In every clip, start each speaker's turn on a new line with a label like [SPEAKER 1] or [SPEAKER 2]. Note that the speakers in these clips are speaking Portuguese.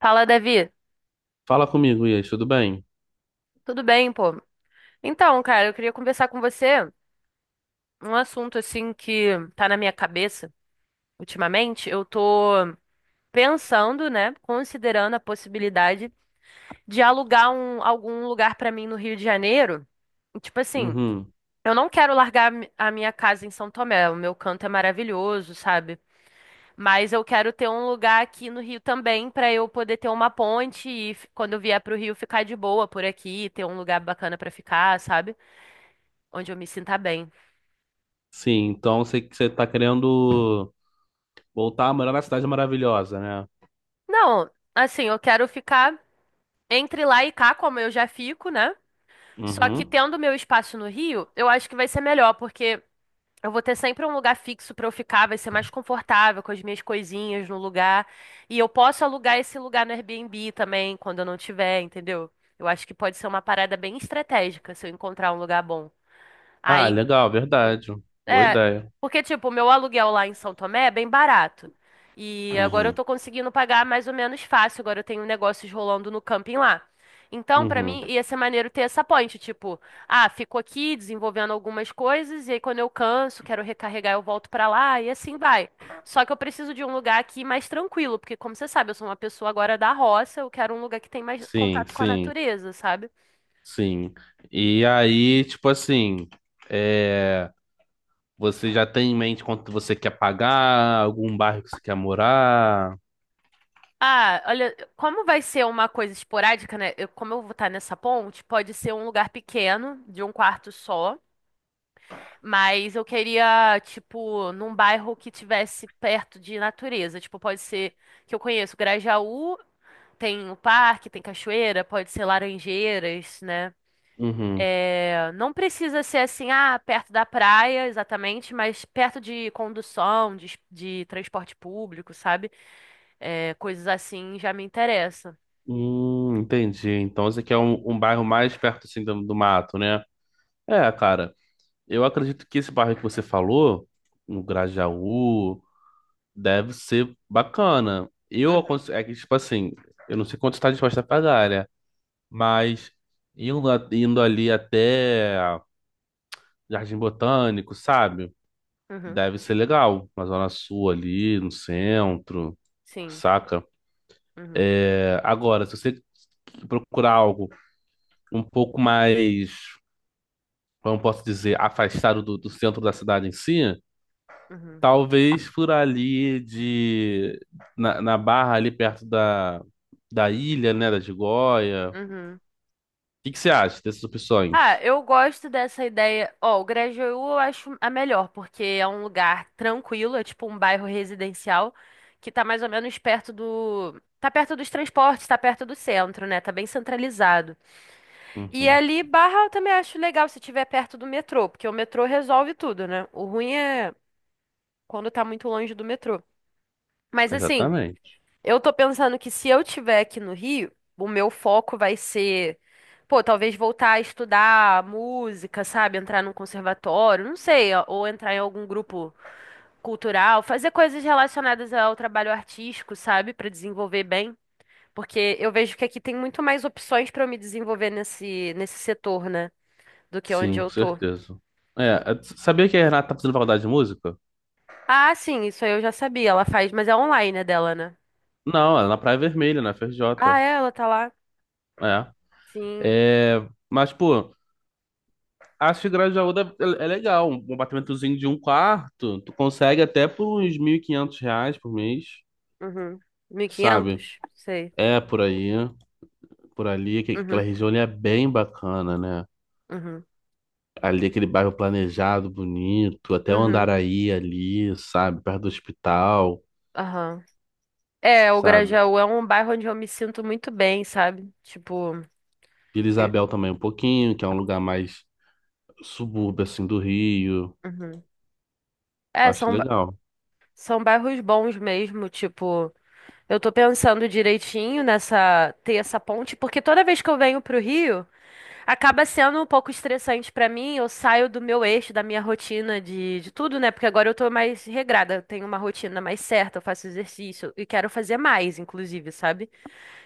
[SPEAKER 1] Fala, Davi.
[SPEAKER 2] Fala comigo, Ias, tudo bem?
[SPEAKER 1] Tudo bem, pô? Então, cara, eu queria conversar com você um assunto assim que tá na minha cabeça ultimamente. Eu tô pensando, né, considerando a possibilidade de alugar algum lugar pra mim no Rio de Janeiro. Tipo assim,
[SPEAKER 2] Uhum.
[SPEAKER 1] eu não quero largar a minha casa em São Tomé, o meu canto é maravilhoso, sabe? Mas eu quero ter um lugar aqui no Rio também pra eu poder ter uma ponte quando eu vier pro Rio ficar de boa por aqui, ter um lugar bacana pra ficar, sabe? Onde eu me sinta bem.
[SPEAKER 2] Sim, então sei que você tá querendo voltar a morar na cidade maravilhosa, né?
[SPEAKER 1] Não, assim, eu quero ficar entre lá e cá, como eu já fico, né? Só que
[SPEAKER 2] Uhum.
[SPEAKER 1] tendo meu espaço no Rio, eu acho que vai ser melhor, porque eu vou ter sempre um lugar fixo pra eu ficar, vai ser mais confortável com as minhas coisinhas no lugar. E eu posso alugar esse lugar no Airbnb também, quando eu não tiver, entendeu? Eu acho que pode ser uma parada bem estratégica se eu encontrar um lugar bom.
[SPEAKER 2] Ah,
[SPEAKER 1] Aí.
[SPEAKER 2] legal, verdade. Boa
[SPEAKER 1] É,
[SPEAKER 2] ideia.
[SPEAKER 1] porque, tipo, o meu aluguel lá em São Tomé é bem barato. E agora eu
[SPEAKER 2] Uhum.
[SPEAKER 1] tô conseguindo pagar mais ou menos fácil. Agora eu tenho negócios rolando no camping lá. Então, pra
[SPEAKER 2] Uhum.
[SPEAKER 1] mim, ia ser maneiro ter essa ponte. Tipo, ah, fico aqui desenvolvendo algumas coisas. E aí, quando eu canso, quero recarregar, eu volto pra lá. E assim vai. Só que eu preciso de um lugar aqui mais tranquilo. Porque, como você sabe, eu sou uma pessoa agora da roça. Eu quero um lugar que tem mais
[SPEAKER 2] Sim,
[SPEAKER 1] contato com a
[SPEAKER 2] sim,
[SPEAKER 1] natureza, sabe?
[SPEAKER 2] sim. E aí, tipo assim, é... você já tem em mente quanto você quer pagar, algum bairro que você quer morar?
[SPEAKER 1] Ah, olha, como vai ser uma coisa esporádica, né? Como eu vou estar nessa ponte, pode ser um lugar pequeno, de um quarto só, mas eu queria, tipo, num bairro que tivesse perto de natureza. Tipo, pode ser que eu conheço Grajaú, tem o parque, tem cachoeira, pode ser Laranjeiras, né?
[SPEAKER 2] Uhum.
[SPEAKER 1] É, não precisa ser assim, ah, perto da praia, exatamente, mas perto de condução, de transporte público, sabe? É, coisas assim já me interessam.
[SPEAKER 2] Entendi. Então você quer um bairro mais perto assim do mato, né? É, cara. Eu acredito que esse bairro que você falou, no Grajaú, deve ser bacana.
[SPEAKER 1] Uhum.
[SPEAKER 2] É que, tipo assim, eu não sei quanto está disposta a pagar, né? Mas indo ali até Jardim Botânico, sabe?
[SPEAKER 1] Uhum.
[SPEAKER 2] Deve ser legal. Na Zona Sul ali, no centro,
[SPEAKER 1] Sim.
[SPEAKER 2] saca?
[SPEAKER 1] Uhum.
[SPEAKER 2] É, agora, se você procurar algo um pouco mais, como eu posso dizer, afastado do centro da cidade em si.
[SPEAKER 1] Uhum.
[SPEAKER 2] Talvez por ali na Barra ali perto da ilha, né, da Gigoia. O
[SPEAKER 1] Uhum.
[SPEAKER 2] que que você acha dessas
[SPEAKER 1] Ah,
[SPEAKER 2] opções?
[SPEAKER 1] eu gosto dessa ideia. Ó, o Grajaú eu acho a melhor, porque é um lugar tranquilo, é tipo um bairro residencial que tá mais ou menos perto do. Tá perto dos transportes, tá perto do centro, né? Tá bem centralizado. E
[SPEAKER 2] Uhum,
[SPEAKER 1] ali, Barra, eu também acho legal se tiver perto do metrô, porque o metrô resolve tudo, né? O ruim é quando tá muito longe do metrô. Mas assim.
[SPEAKER 2] exatamente.
[SPEAKER 1] Eu tô pensando que se eu tiver aqui no Rio, o meu foco vai ser, pô, talvez voltar a estudar música, sabe? Entrar num conservatório, não sei, ó, ou entrar em algum grupo cultural, fazer coisas relacionadas ao trabalho artístico, sabe? Pra desenvolver bem. Porque eu vejo que aqui tem muito mais opções pra eu me desenvolver nesse setor, né? Do que onde
[SPEAKER 2] Sim, com
[SPEAKER 1] eu tô.
[SPEAKER 2] certeza. É, sabia que a Renata tá fazendo faculdade de música?
[SPEAKER 1] Ah, sim, isso aí eu já sabia. Ela faz, mas é online, né, dela, né?
[SPEAKER 2] Não, ela é na Praia Vermelha, na FRJ.
[SPEAKER 1] Ah, é? Ela tá lá?
[SPEAKER 2] É.
[SPEAKER 1] Sim.
[SPEAKER 2] É, mas, pô, acho que Grajaú é legal. Um apartamentozinho de um quarto, tu consegue até por uns 1.500 reais por mês,
[SPEAKER 1] Uhum. mil e
[SPEAKER 2] sabe?
[SPEAKER 1] quinhentos, sei.
[SPEAKER 2] É por aí. Por ali, que aquela
[SPEAKER 1] Uhum.
[SPEAKER 2] região ali é bem bacana, né?
[SPEAKER 1] Uhum.
[SPEAKER 2] Ali aquele bairro planejado, bonito, até o
[SPEAKER 1] Uhum.
[SPEAKER 2] Andaraí ali, sabe? Perto do hospital,
[SPEAKER 1] Aham. É, o
[SPEAKER 2] sabe?
[SPEAKER 1] Grajaú é um bairro onde eu me sinto muito bem, sabe? Tipo,
[SPEAKER 2] Vila
[SPEAKER 1] eu-
[SPEAKER 2] Isabel também um pouquinho, que é um lugar mais subúrbio, assim, do Rio.
[SPEAKER 1] uhum. É,
[SPEAKER 2] Acho
[SPEAKER 1] são, ba-
[SPEAKER 2] legal,
[SPEAKER 1] são bairros bons mesmo, tipo, eu tô pensando direitinho nessa, ter essa ponte, porque toda vez que eu venho pro Rio, acaba sendo um pouco estressante pra mim, eu saio do meu eixo, da minha rotina de tudo, né? Porque agora eu tô mais regrada, eu tenho uma rotina mais certa, eu faço exercício e quero fazer mais, inclusive, sabe?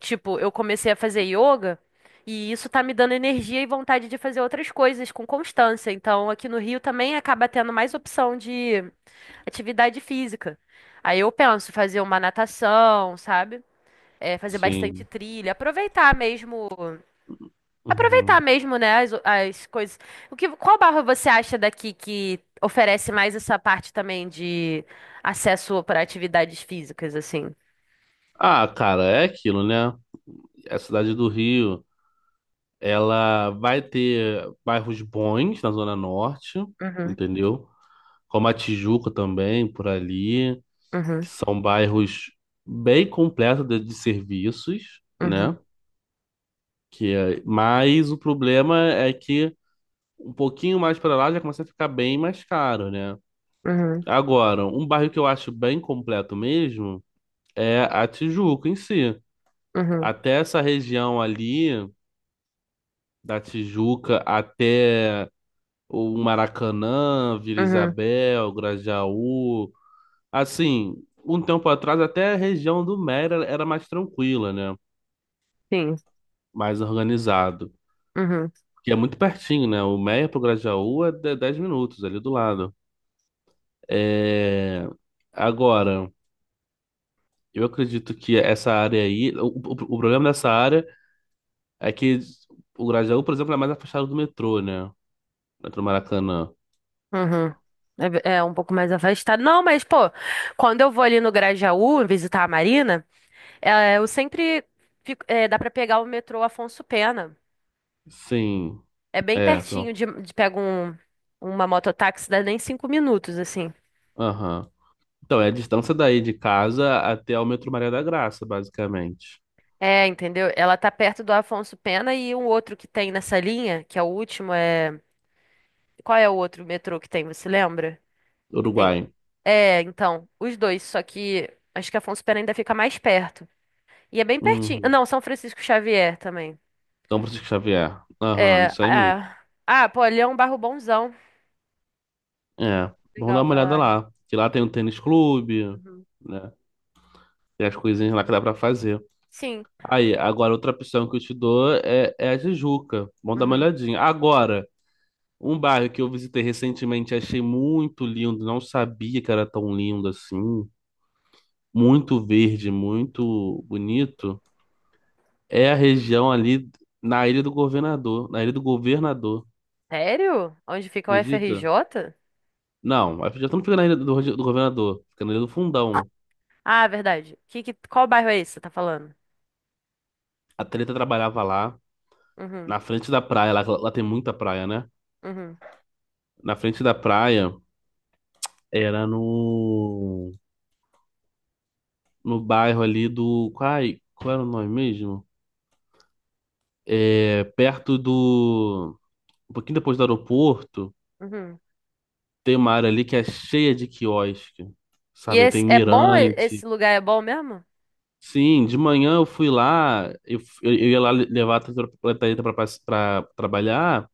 [SPEAKER 1] Tipo, eu comecei a fazer yoga e isso tá me dando energia e vontade de fazer outras coisas com constância. Então, aqui no Rio também acaba tendo mais opção de atividade física. Aí eu penso fazer uma natação, sabe? É, fazer bastante
[SPEAKER 2] sim.
[SPEAKER 1] trilha, aproveitar
[SPEAKER 2] Uhum.
[SPEAKER 1] mesmo, né, as coisas. O que, qual barra você acha daqui que oferece mais essa parte também de acesso para atividades físicas, assim?
[SPEAKER 2] Ah, cara, é aquilo, né? A cidade do Rio, ela vai ter bairros bons na Zona Norte,
[SPEAKER 1] Uhum,
[SPEAKER 2] entendeu? Como a Tijuca também, por ali. Que
[SPEAKER 1] uhum,
[SPEAKER 2] são bairros bem completos de serviços,
[SPEAKER 1] uhum,
[SPEAKER 2] né? Mas o problema é que um pouquinho mais para lá já começa a ficar bem mais caro, né?
[SPEAKER 1] uhum,
[SPEAKER 2] Agora, um bairro que eu acho bem completo mesmo é a Tijuca em si.
[SPEAKER 1] uhum, uhum,
[SPEAKER 2] Até essa região ali da Tijuca até o Maracanã, Vila
[SPEAKER 1] uhum.
[SPEAKER 2] Isabel, Grajaú, assim, um tempo atrás até a região do Mera era mais tranquila, né?
[SPEAKER 1] Sim.
[SPEAKER 2] Mais organizado.
[SPEAKER 1] Uhum.
[SPEAKER 2] Porque é muito pertinho, né? O Meia pro Grajaú 10 minutos ali do lado. É... Agora, eu acredito que essa área aí. O problema dessa área é que o Grajaú, por exemplo, é mais afastado do metrô, né? Metrô Maracanã.
[SPEAKER 1] Uhum. É, é um pouco mais afastado. Não, mas, pô, quando eu vou ali no Grajaú visitar a Marina, é, eu sempre é, dá pra pegar o metrô Afonso Pena.
[SPEAKER 2] Sim,
[SPEAKER 1] É bem
[SPEAKER 2] é.
[SPEAKER 1] pertinho
[SPEAKER 2] Então,
[SPEAKER 1] de pega um, uma mototáxi, dá nem 5 minutos, assim.
[SPEAKER 2] aham. Então, é a distância daí de casa até o metrô Maria da Graça, basicamente.
[SPEAKER 1] É, entendeu? Ela tá perto do Afonso Pena e um outro que tem nessa linha, que é o último, é. Qual é o outro metrô que tem, você lembra? Que tem.
[SPEAKER 2] Uruguai.
[SPEAKER 1] É, então, os dois, só que acho que Afonso Pena ainda fica mais perto. E é bem pertinho.
[SPEAKER 2] Uhum.
[SPEAKER 1] Não, São Francisco Xavier também.
[SPEAKER 2] São Francisco Xavier. Aham,
[SPEAKER 1] É,
[SPEAKER 2] isso aí mesmo.
[SPEAKER 1] ah, ah, pô, ali é um bairro bonzão.
[SPEAKER 2] É, vamos
[SPEAKER 1] Legal
[SPEAKER 2] dar uma
[SPEAKER 1] aquela
[SPEAKER 2] olhada
[SPEAKER 1] área.
[SPEAKER 2] lá. Que lá tem um tênis clube,
[SPEAKER 1] Uhum.
[SPEAKER 2] né? Tem as coisinhas lá que dá pra fazer.
[SPEAKER 1] Sim.
[SPEAKER 2] Aí, agora outra opção que eu te dou é a Tijuca. Vamos dar uma
[SPEAKER 1] Uhum.
[SPEAKER 2] olhadinha. Agora, um bairro que eu visitei recentemente, e achei muito lindo, não sabia que era tão lindo assim. Muito verde, muito bonito. É a
[SPEAKER 1] Uhum.
[SPEAKER 2] região ali na Ilha do Governador. Na Ilha do Governador,
[SPEAKER 1] Sério? Onde fica o
[SPEAKER 2] acredita?
[SPEAKER 1] FRJ?
[SPEAKER 2] Não, já estamos ficando na Ilha do Governador, ficando na Ilha do Fundão.
[SPEAKER 1] Ah, verdade. Qual bairro é esse que você tá falando?
[SPEAKER 2] A Treta trabalhava lá.
[SPEAKER 1] Uhum,
[SPEAKER 2] Na frente da praia, lá tem muita praia, né?
[SPEAKER 1] uhum,
[SPEAKER 2] Na frente da praia era no bairro ali do. Ai, qual era o nome mesmo? É, perto do. Um pouquinho depois do aeroporto,
[SPEAKER 1] uhum.
[SPEAKER 2] tem uma área ali que é cheia de quiosque.
[SPEAKER 1] E
[SPEAKER 2] Sabe,
[SPEAKER 1] esse,
[SPEAKER 2] tem
[SPEAKER 1] é bom? Esse
[SPEAKER 2] mirante.
[SPEAKER 1] lugar é bom mesmo?
[SPEAKER 2] Sim, de manhã eu fui lá, eu ia lá levar a Catarina pra trabalhar.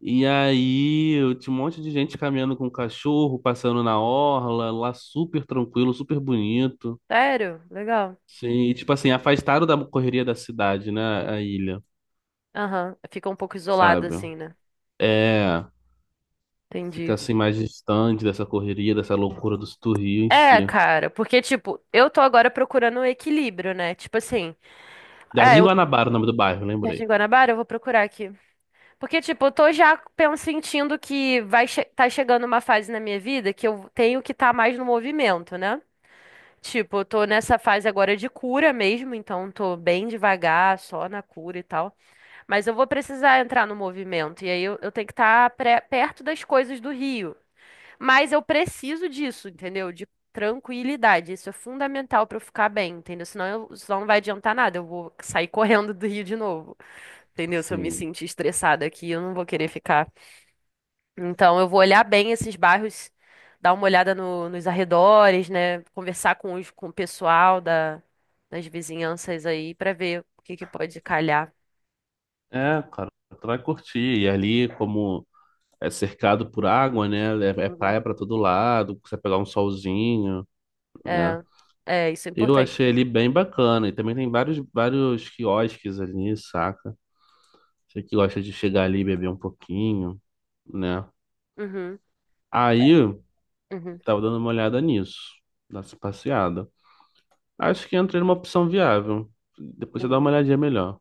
[SPEAKER 2] E aí, eu tinha um monte de gente caminhando com cachorro, passando na orla, lá super tranquilo, super bonito.
[SPEAKER 1] Sério? Legal.
[SPEAKER 2] Sim, e, tipo assim, afastaram da correria da cidade, né, a ilha,
[SPEAKER 1] Aham. Fica um pouco isolado
[SPEAKER 2] sabe?
[SPEAKER 1] assim, né?
[SPEAKER 2] É, fica
[SPEAKER 1] Entendi.
[SPEAKER 2] assim mais distante dessa correria, dessa loucura do Rio em
[SPEAKER 1] É,
[SPEAKER 2] si.
[SPEAKER 1] cara, porque, tipo, eu tô agora procurando um equilíbrio, né? Tipo assim, ah,
[SPEAKER 2] Jardim
[SPEAKER 1] eu.
[SPEAKER 2] Guanabara, é o nome do bairro,
[SPEAKER 1] Jardim
[SPEAKER 2] lembrei.
[SPEAKER 1] Guanabara, eu vou procurar aqui. Porque, tipo, eu tô já sentindo que tá chegando uma fase na minha vida que eu tenho que estar mais no movimento, né? Tipo, eu tô nessa fase agora de cura mesmo, então tô bem devagar, só na cura e tal. Mas eu vou precisar entrar no movimento, e aí eu tenho que estar perto das coisas do Rio. Mas eu preciso disso, entendeu? De tranquilidade. Isso é fundamental pra eu ficar bem, entendeu? Senão, senão não vai adiantar nada, eu vou sair correndo do Rio de novo, entendeu? Se eu me
[SPEAKER 2] Sim.
[SPEAKER 1] sentir estressada aqui, eu não vou querer ficar. Então, eu vou olhar bem esses bairros, dar uma olhada nos arredores, né? Conversar com o pessoal das vizinhanças aí pra ver o que que pode calhar.
[SPEAKER 2] É, cara, tu vai curtir. E ali, como é cercado por água, né, é
[SPEAKER 1] Uhum.
[SPEAKER 2] praia pra todo lado, você vai pegar um solzinho, né?
[SPEAKER 1] É, é, isso é
[SPEAKER 2] Eu
[SPEAKER 1] importante
[SPEAKER 2] achei
[SPEAKER 1] também.
[SPEAKER 2] ele bem bacana. E também tem vários, vários quiosques ali, saca? Você que gosta de chegar ali e beber um pouquinho, né?
[SPEAKER 1] Uhum,
[SPEAKER 2] Aí,
[SPEAKER 1] uhum,
[SPEAKER 2] tava dando uma olhada nisso, nessa passeada. Acho que entrei numa opção viável. Depois você dá
[SPEAKER 1] uhum.
[SPEAKER 2] uma olhadinha melhor.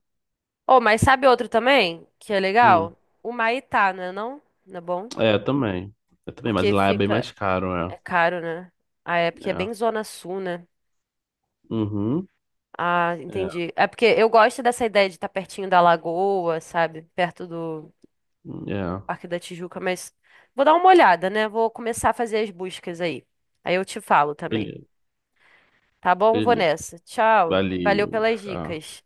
[SPEAKER 1] Oh, mas sabe outro também que é
[SPEAKER 2] Hum,
[SPEAKER 1] legal? O Maitá, né? Não? Não é bom?
[SPEAKER 2] é, também. Eu também, mas
[SPEAKER 1] Porque
[SPEAKER 2] lá é bem
[SPEAKER 1] fica.
[SPEAKER 2] mais caro, é.
[SPEAKER 1] É caro, né? Ah, é porque é
[SPEAKER 2] É.
[SPEAKER 1] bem Zona Sul, né?
[SPEAKER 2] Uhum.
[SPEAKER 1] Ah, entendi. É porque eu gosto dessa ideia de estar pertinho da lagoa, sabe? Perto do.
[SPEAKER 2] É. É.
[SPEAKER 1] Parque da Tijuca, mas vou dar uma olhada, né? Vou começar a fazer as buscas aí. Aí eu te falo também.
[SPEAKER 2] Beleza.
[SPEAKER 1] Tá bom? Vou
[SPEAKER 2] Beleza.
[SPEAKER 1] nessa. Tchau. Valeu
[SPEAKER 2] Valeu.
[SPEAKER 1] pelas
[SPEAKER 2] Tá.
[SPEAKER 1] dicas.